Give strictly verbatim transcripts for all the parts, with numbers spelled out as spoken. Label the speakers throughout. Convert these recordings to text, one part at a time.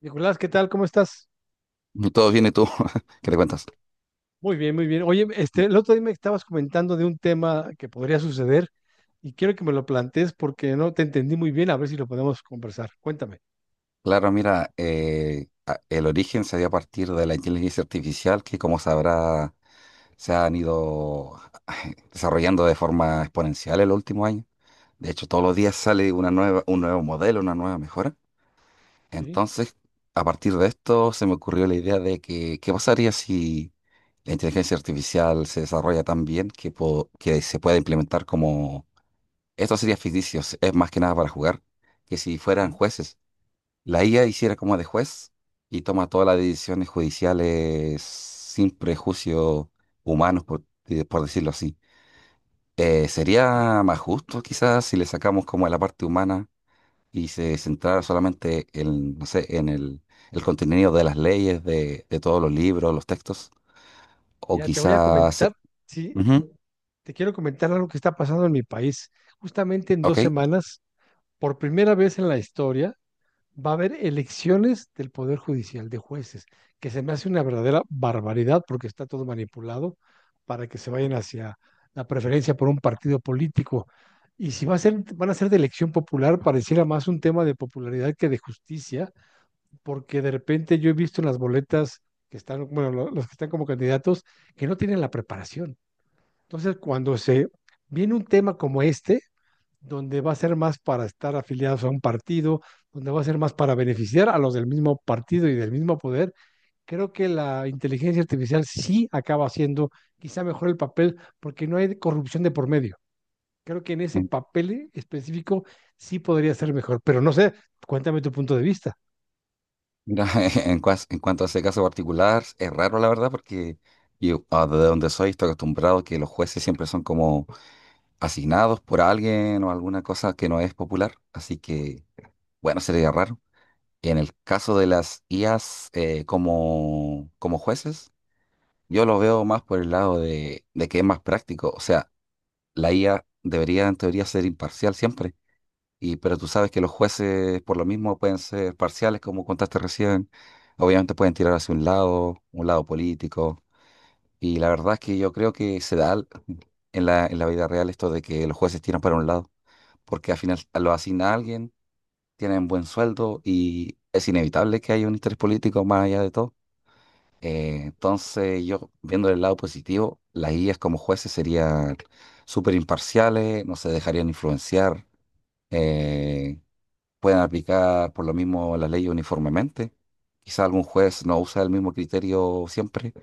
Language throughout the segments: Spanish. Speaker 1: Nicolás, ¿qué tal? ¿Cómo estás?
Speaker 2: No, todo bien, ¿y tú? ¿Qué le cuentas?
Speaker 1: Muy bien, muy bien. Oye,
Speaker 2: Mm.
Speaker 1: este, el otro día me estabas comentando de un tema que podría suceder y quiero que me lo plantees porque no te entendí muy bien, a ver si lo podemos conversar. Cuéntame,
Speaker 2: Claro, mira, eh, a- el origen se dio a partir de la inteligencia artificial que, como sabrá, se han ido desarrollando de forma exponencial en los últimos años. De hecho, todos los días sale una nueva, un nuevo modelo, una nueva mejora.
Speaker 1: ¿sí?
Speaker 2: Entonces, a partir de esto, se me ocurrió la idea de que, ¿qué pasaría si la inteligencia artificial se desarrolla tan bien que, po- que se pueda implementar como... esto sería ficticio, es más que nada para jugar, que si fueran
Speaker 1: Ujú.
Speaker 2: jueces? La I A hiciera como de juez y toma todas las decisiones judiciales sin prejuicios humanos, por, eh, por decirlo así. Eh, sería más justo quizás si le sacamos como la parte humana y se centrara solamente en, no sé, en el, el contenido de las leyes, de, de todos los libros, los textos, o
Speaker 1: Mira, te voy a
Speaker 2: quizás...
Speaker 1: comentar,
Speaker 2: se-
Speaker 1: sí,
Speaker 2: Ujú.
Speaker 1: te quiero comentar algo que está pasando en mi país. Justamente en
Speaker 2: Ok.
Speaker 1: dos semanas, por primera vez en la historia, va a haber elecciones del Poder Judicial de jueces, que se me hace una verdadera barbaridad porque está todo manipulado para que se vayan hacia la preferencia por un partido político. Y si va a ser, van a ser de elección popular, pareciera más un tema de popularidad que de justicia, porque de repente yo he visto en las boletas que están, bueno, lo- los que están como candidatos, que no tienen la preparación. Entonces, cuando se viene un tema como este, donde va a ser más para estar afiliados a un partido, donde va a ser más para beneficiar a los del mismo partido y del mismo poder, creo que la inteligencia artificial sí acaba haciendo quizá mejor el papel porque no hay corrupción de por medio. Creo que en ese
Speaker 2: En-
Speaker 1: papel específico sí podría ser mejor, pero no sé, cuéntame tu punto de vista.
Speaker 2: Mira, en, cuas- en cuanto a ese caso particular, es raro la verdad porque yo, ah, de donde soy estoy acostumbrado que los jueces siempre son como asignados por alguien o alguna cosa que no es popular, así que, bueno, sería raro. En el caso de las I As eh, como, como jueces, yo lo veo más por el lado de, de que es más práctico, o sea, la I A debería en teoría ser imparcial siempre, y, pero tú sabes que los jueces por lo mismo pueden ser parciales, como contaste recién. Obviamente pueden tirar hacia un lado, un lado político, y la verdad es que yo creo que se da al- en la, en la vida real esto de que los jueces tiran para un lado porque al final lo asigna a alguien, tienen buen sueldo y es inevitable que haya un interés político más allá de todo. Eh, entonces, yo viendo el lado positivo, las guías como jueces serían súper imparciales, no se dejarían influenciar, eh, pueden aplicar por lo mismo la ley uniformemente. Quizá algún juez no usa el mismo criterio siempre,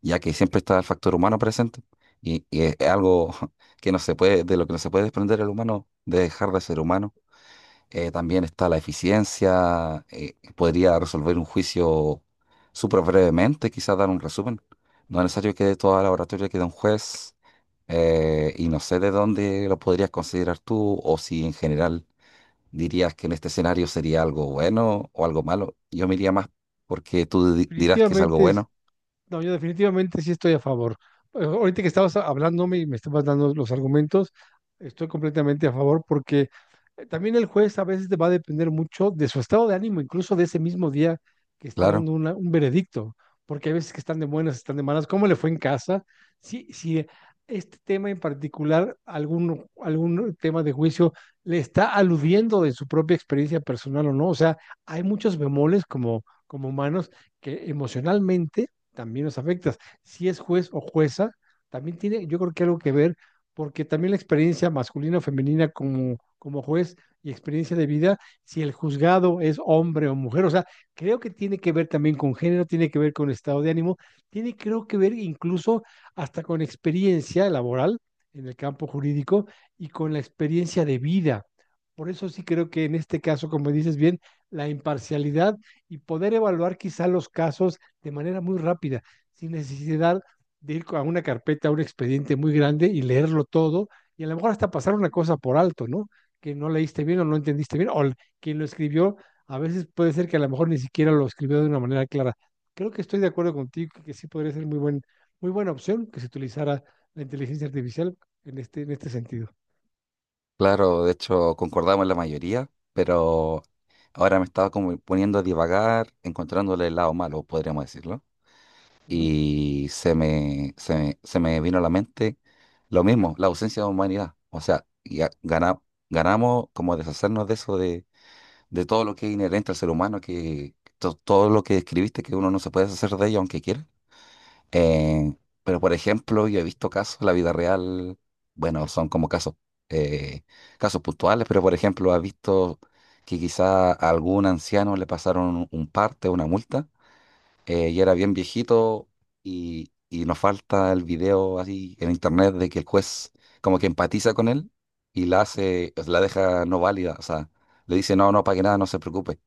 Speaker 2: ya que siempre está el factor humano presente. Y, y es es algo que no se puede, de lo que no se puede desprender el humano, de dejar de ser humano. Eh, también está la eficiencia. Eh, podría resolver un juicio súper brevemente, quizás dar un resumen. No es necesario que dé toda la oratoria que da un juez. Eh, y no sé de dónde lo podrías considerar tú o si en general dirías que en este escenario sería algo bueno o algo malo. Yo me iría más porque tú di- dirás que es algo
Speaker 1: Definitivamente
Speaker 2: bueno.
Speaker 1: no, yo definitivamente sí estoy a favor. Eh, Ahorita que estabas hablándome y me estabas dando los argumentos, estoy completamente a favor porque eh, también el juez a veces te va a depender mucho de su estado de ánimo, incluso de ese mismo día que está
Speaker 2: Claro,
Speaker 1: dando una- un veredicto, porque hay veces que están de buenas, están de malas, ¿cómo le fue en casa? Si, si este tema en particular, algún, algún tema de juicio, le está aludiendo de su propia experiencia personal o no. O sea, hay muchos bemoles como, como humanos que emocionalmente también nos afecta. Si es juez o jueza, también tiene, yo creo que algo que ver, porque también la experiencia masculina o femenina como, como juez y experiencia de vida, si el juzgado es hombre o mujer, o sea, creo que tiene que ver también con género, tiene que ver con estado de ánimo, tiene creo que ver incluso hasta con experiencia laboral en el campo jurídico y con la experiencia de vida. Por eso sí creo que en este caso, como dices bien, la imparcialidad y poder evaluar quizá los casos de manera muy rápida, sin necesidad de ir a una carpeta, a un expediente muy grande y leerlo todo, y a lo mejor hasta pasar una cosa por alto, ¿no? Que no leíste bien o no entendiste bien, o quien lo escribió, a veces puede ser que a lo mejor ni siquiera lo escribió de una manera clara. Creo que estoy de acuerdo contigo que sí podría ser muy, buen, muy buena opción que se utilizara la inteligencia artificial en este, en este sentido.
Speaker 2: claro. De hecho, concordamos en la mayoría, pero ahora me estaba como poniendo a divagar, encontrándole el lado malo, podríamos decirlo.
Speaker 1: Ujú.
Speaker 2: Y se me, se me, se me vino a la mente lo mismo, la ausencia de humanidad. O sea, ya gana- ganamos como deshacernos de eso, de, de todo lo que es inherente al ser humano, que to- todo lo que describiste, que uno no se puede deshacer de ello aunque quiera. Eh, pero, por ejemplo, yo he visto casos, en la vida real, bueno, son como casos, eh, casos puntuales, pero, por ejemplo, has visto que quizá a algún anciano le pasaron un parte, una multa, eh, ya era bien viejito, y, y nos falta el video así en internet de que el juez como que empatiza con él y la hace, la deja no válida. O sea, le dice no, no pague nada, no se preocupe.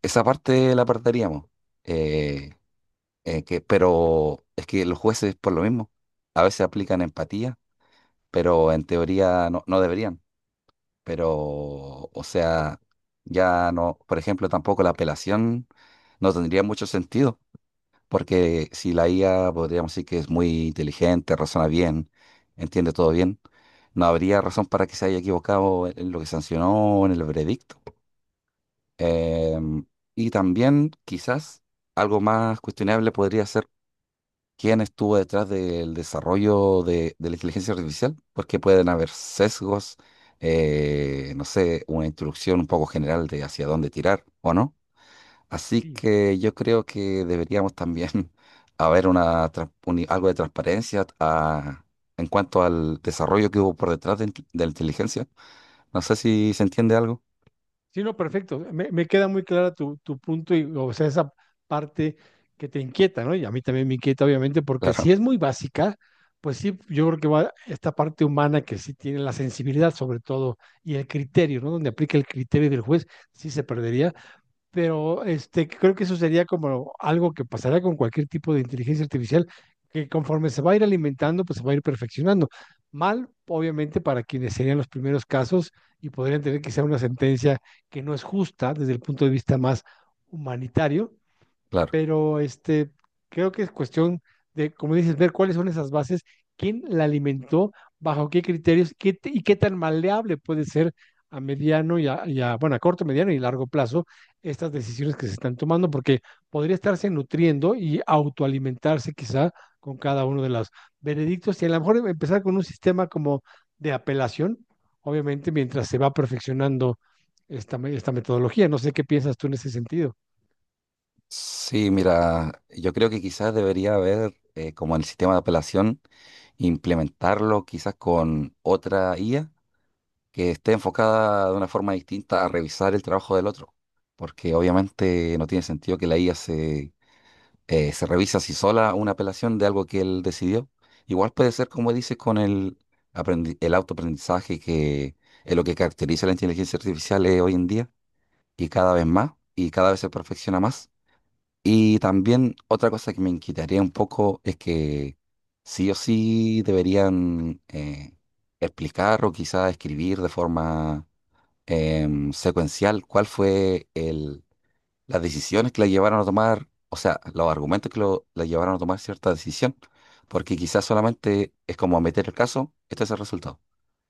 Speaker 2: Esa parte la perderíamos. eh, eh, que, pero es que los jueces por lo mismo, a veces aplican empatía, pero en teoría no, no deberían, pero o sea, ya no, por ejemplo, tampoco la apelación no tendría mucho sentido porque si la I A podríamos decir que es muy inteligente, razona bien, entiende todo bien, no habría razón para que se haya equivocado en lo que sancionó, o en el veredicto. Em, y también quizás algo más cuestionable podría ser quién estuvo detrás del desarrollo de, de la inteligencia artificial, porque pueden haber sesgos, eh, no sé, una instrucción un poco general de hacia dónde tirar, ¿o no? Así
Speaker 1: Sí,
Speaker 2: que yo creo que deberíamos también haber una, trans- uni- algo de transparencia a- en cuanto al desarrollo que hubo por detrás de, inte- de la inteligencia. No sé si se entiende algo.
Speaker 1: sí, no, perfecto. Me, me queda muy clara tu, tu punto y, o sea, esa parte que te inquieta, ¿no? Y a mí también me inquieta, obviamente, porque si
Speaker 2: Claro,
Speaker 1: es muy básica, pues sí, yo creo que va esta parte humana que sí tiene la sensibilidad, sobre todo, y el criterio, ¿no? Donde aplica el criterio del juez, sí se perdería, pero este, creo que eso sería como algo que pasará con cualquier tipo de inteligencia artificial, que conforme se va a ir alimentando, pues se va a ir perfeccionando. Mal, obviamente, para quienes serían los primeros casos y podrían tener quizá una sentencia que no es justa desde el punto de vista más humanitario,
Speaker 2: claro.
Speaker 1: pero este, creo que es cuestión de, como dices, ver cuáles son esas bases, quién la alimentó, bajo qué criterios qué t- y qué tan maleable puede ser a mediano y a, y a, bueno, a corto, mediano y largo plazo estas decisiones que se están tomando, porque podría estarse nutriendo y autoalimentarse quizá con cada uno de los veredictos y a lo mejor empezar con un sistema como de apelación, obviamente mientras se va perfeccionando esta, me- esta metodología. No sé qué piensas tú en ese sentido.
Speaker 2: Sí, mira, yo creo que quizás debería haber, eh, como en el sistema de apelación, implementarlo quizás con otra I A que esté enfocada de una forma distinta a revisar el trabajo del otro. Porque obviamente no tiene sentido que la I A eh, se revisa si sola una apelación de algo que él decidió. Igual puede ser, como dices, con el, aprendi- el autoaprendizaje, que es lo que caracteriza la inteligencia artificial eh, hoy en día, y cada vez más, y cada vez se perfecciona más. Y también otra cosa que me inquietaría un poco es que sí o sí deberían eh, explicar o quizá escribir de forma em, secuencial cuál fue las decisiones que la llevaron a tomar, o sea, los argumentos que lo, la llevaron a tomar cierta decisión, porque quizás solamente es como meter el caso, este es el resultado.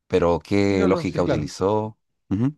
Speaker 2: Pero
Speaker 1: Y
Speaker 2: qué
Speaker 1: no, no, sí,
Speaker 2: lógica
Speaker 1: claro.
Speaker 2: utilizó. Ujú.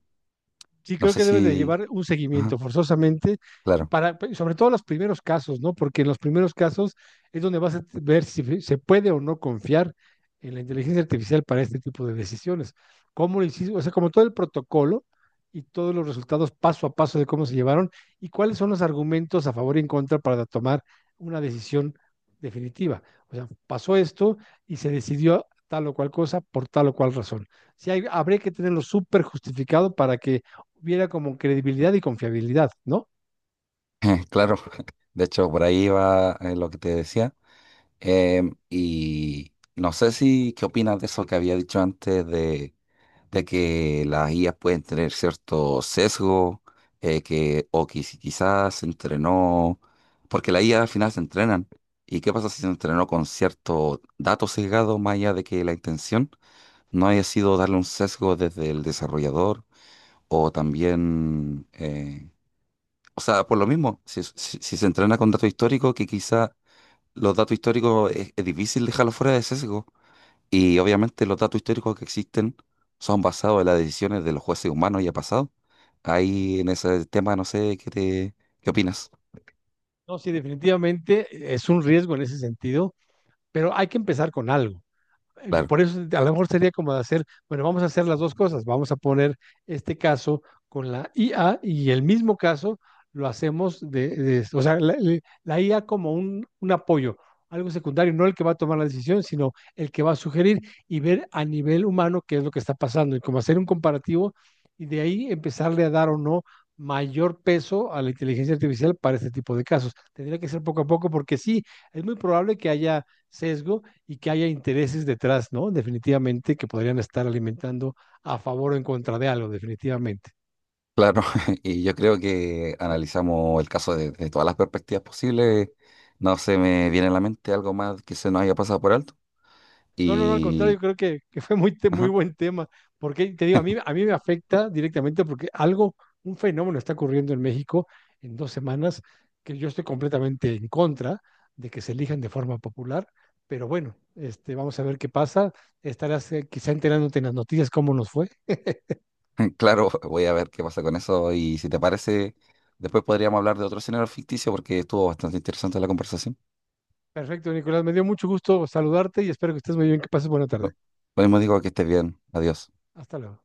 Speaker 1: Sí,
Speaker 2: No
Speaker 1: creo
Speaker 2: sé
Speaker 1: que debe de
Speaker 2: si...
Speaker 1: llevar un
Speaker 2: Ajá,
Speaker 1: seguimiento forzosamente, y
Speaker 2: claro,
Speaker 1: para, pe- sobre todo los primeros casos, ¿no? Porque en los primeros casos es donde vas a ver si fe- se puede o no confiar en la inteligencia artificial para este tipo de decisiones. ¿Cómo lo hiciste? O sea, como todo el protocolo y todos los resultados paso a paso de cómo se llevaron y cuáles son los argumentos a favor y en contra para tomar una decisión definitiva. O sea, pasó esto y se decidió tal o cual cosa por tal o cual razón. Sí, hay- habría que tenerlo súper justificado para que hubiera como credibilidad y confiabilidad, ¿no?
Speaker 2: claro. De hecho, por ahí va eh, lo que te decía. Em, y no sé si, ¿qué opinas de eso que había dicho antes de, de que las I As pueden tener cierto sesgo, eh, que, o que si quizás se entrenó, porque la I A al final se entrenan? ¿Y qué pasa si se entrenó con cierto dato sesgado, más allá de que la intención no haya sido darle un sesgo desde el desarrollador o también, eh, o sea, por lo mismo, si, si si se entrena con datos históricos que quizá los datos históricos es, es difícil dejarlos fuera de sesgo? Y obviamente los datos históricos que existen son basados en las decisiones de los jueces humanos ya pasados. Ahí en ese tema no sé qué te, qué opinas.
Speaker 1: No, sí, definitivamente eh, es un riesgo en ese sentido, pero hay que empezar con algo. Yo
Speaker 2: Claro,
Speaker 1: por eso a lo mejor sería como de hacer, bueno, vamos a hacer las dos cosas, vamos a poner este caso con la I A y el mismo caso lo hacemos de, de- o sea, la, la- la I A como un, un apoyo, algo secundario, no el que va a tomar la decisión, sino el que va a sugerir y ver a nivel humano qué es lo que está pasando y como hacer un comparativo y de ahí empezarle a dar o no mayor peso a la inteligencia artificial para este tipo de casos. Tendría que ser poco a poco porque sí, es muy probable que haya sesgo y que haya intereses detrás, ¿no? Definitivamente que podrían estar alimentando a favor o en contra de algo, definitivamente.
Speaker 2: claro. Y yo creo que analizamos el caso de, de todas las perspectivas posibles. No se me viene a la mente algo más que se nos haya pasado por alto.
Speaker 1: No, no, no, al contrario,
Speaker 2: Y,
Speaker 1: creo que, que fue muy, te- muy
Speaker 2: ajá,
Speaker 1: buen tema, porque te digo, a mí, a mí me afecta directamente porque algo, un fenómeno está ocurriendo en México en dos semanas que yo estoy completamente en contra de que se elijan de forma popular, pero bueno, este, vamos a ver qué pasa. Estarás eh, quizá enterándote en las noticias cómo nos fue.
Speaker 2: claro, voy a ver qué pasa con eso. Y si te parece, después podríamos hablar de otro escenario ficticio porque estuvo bastante interesante la conversación.
Speaker 1: Perfecto, Nicolás, me dio mucho gusto saludarte y espero que estés muy bien, que pases buena tarde.
Speaker 2: Lo lo mismo digo, que estés bien. Adiós.
Speaker 1: Hasta luego.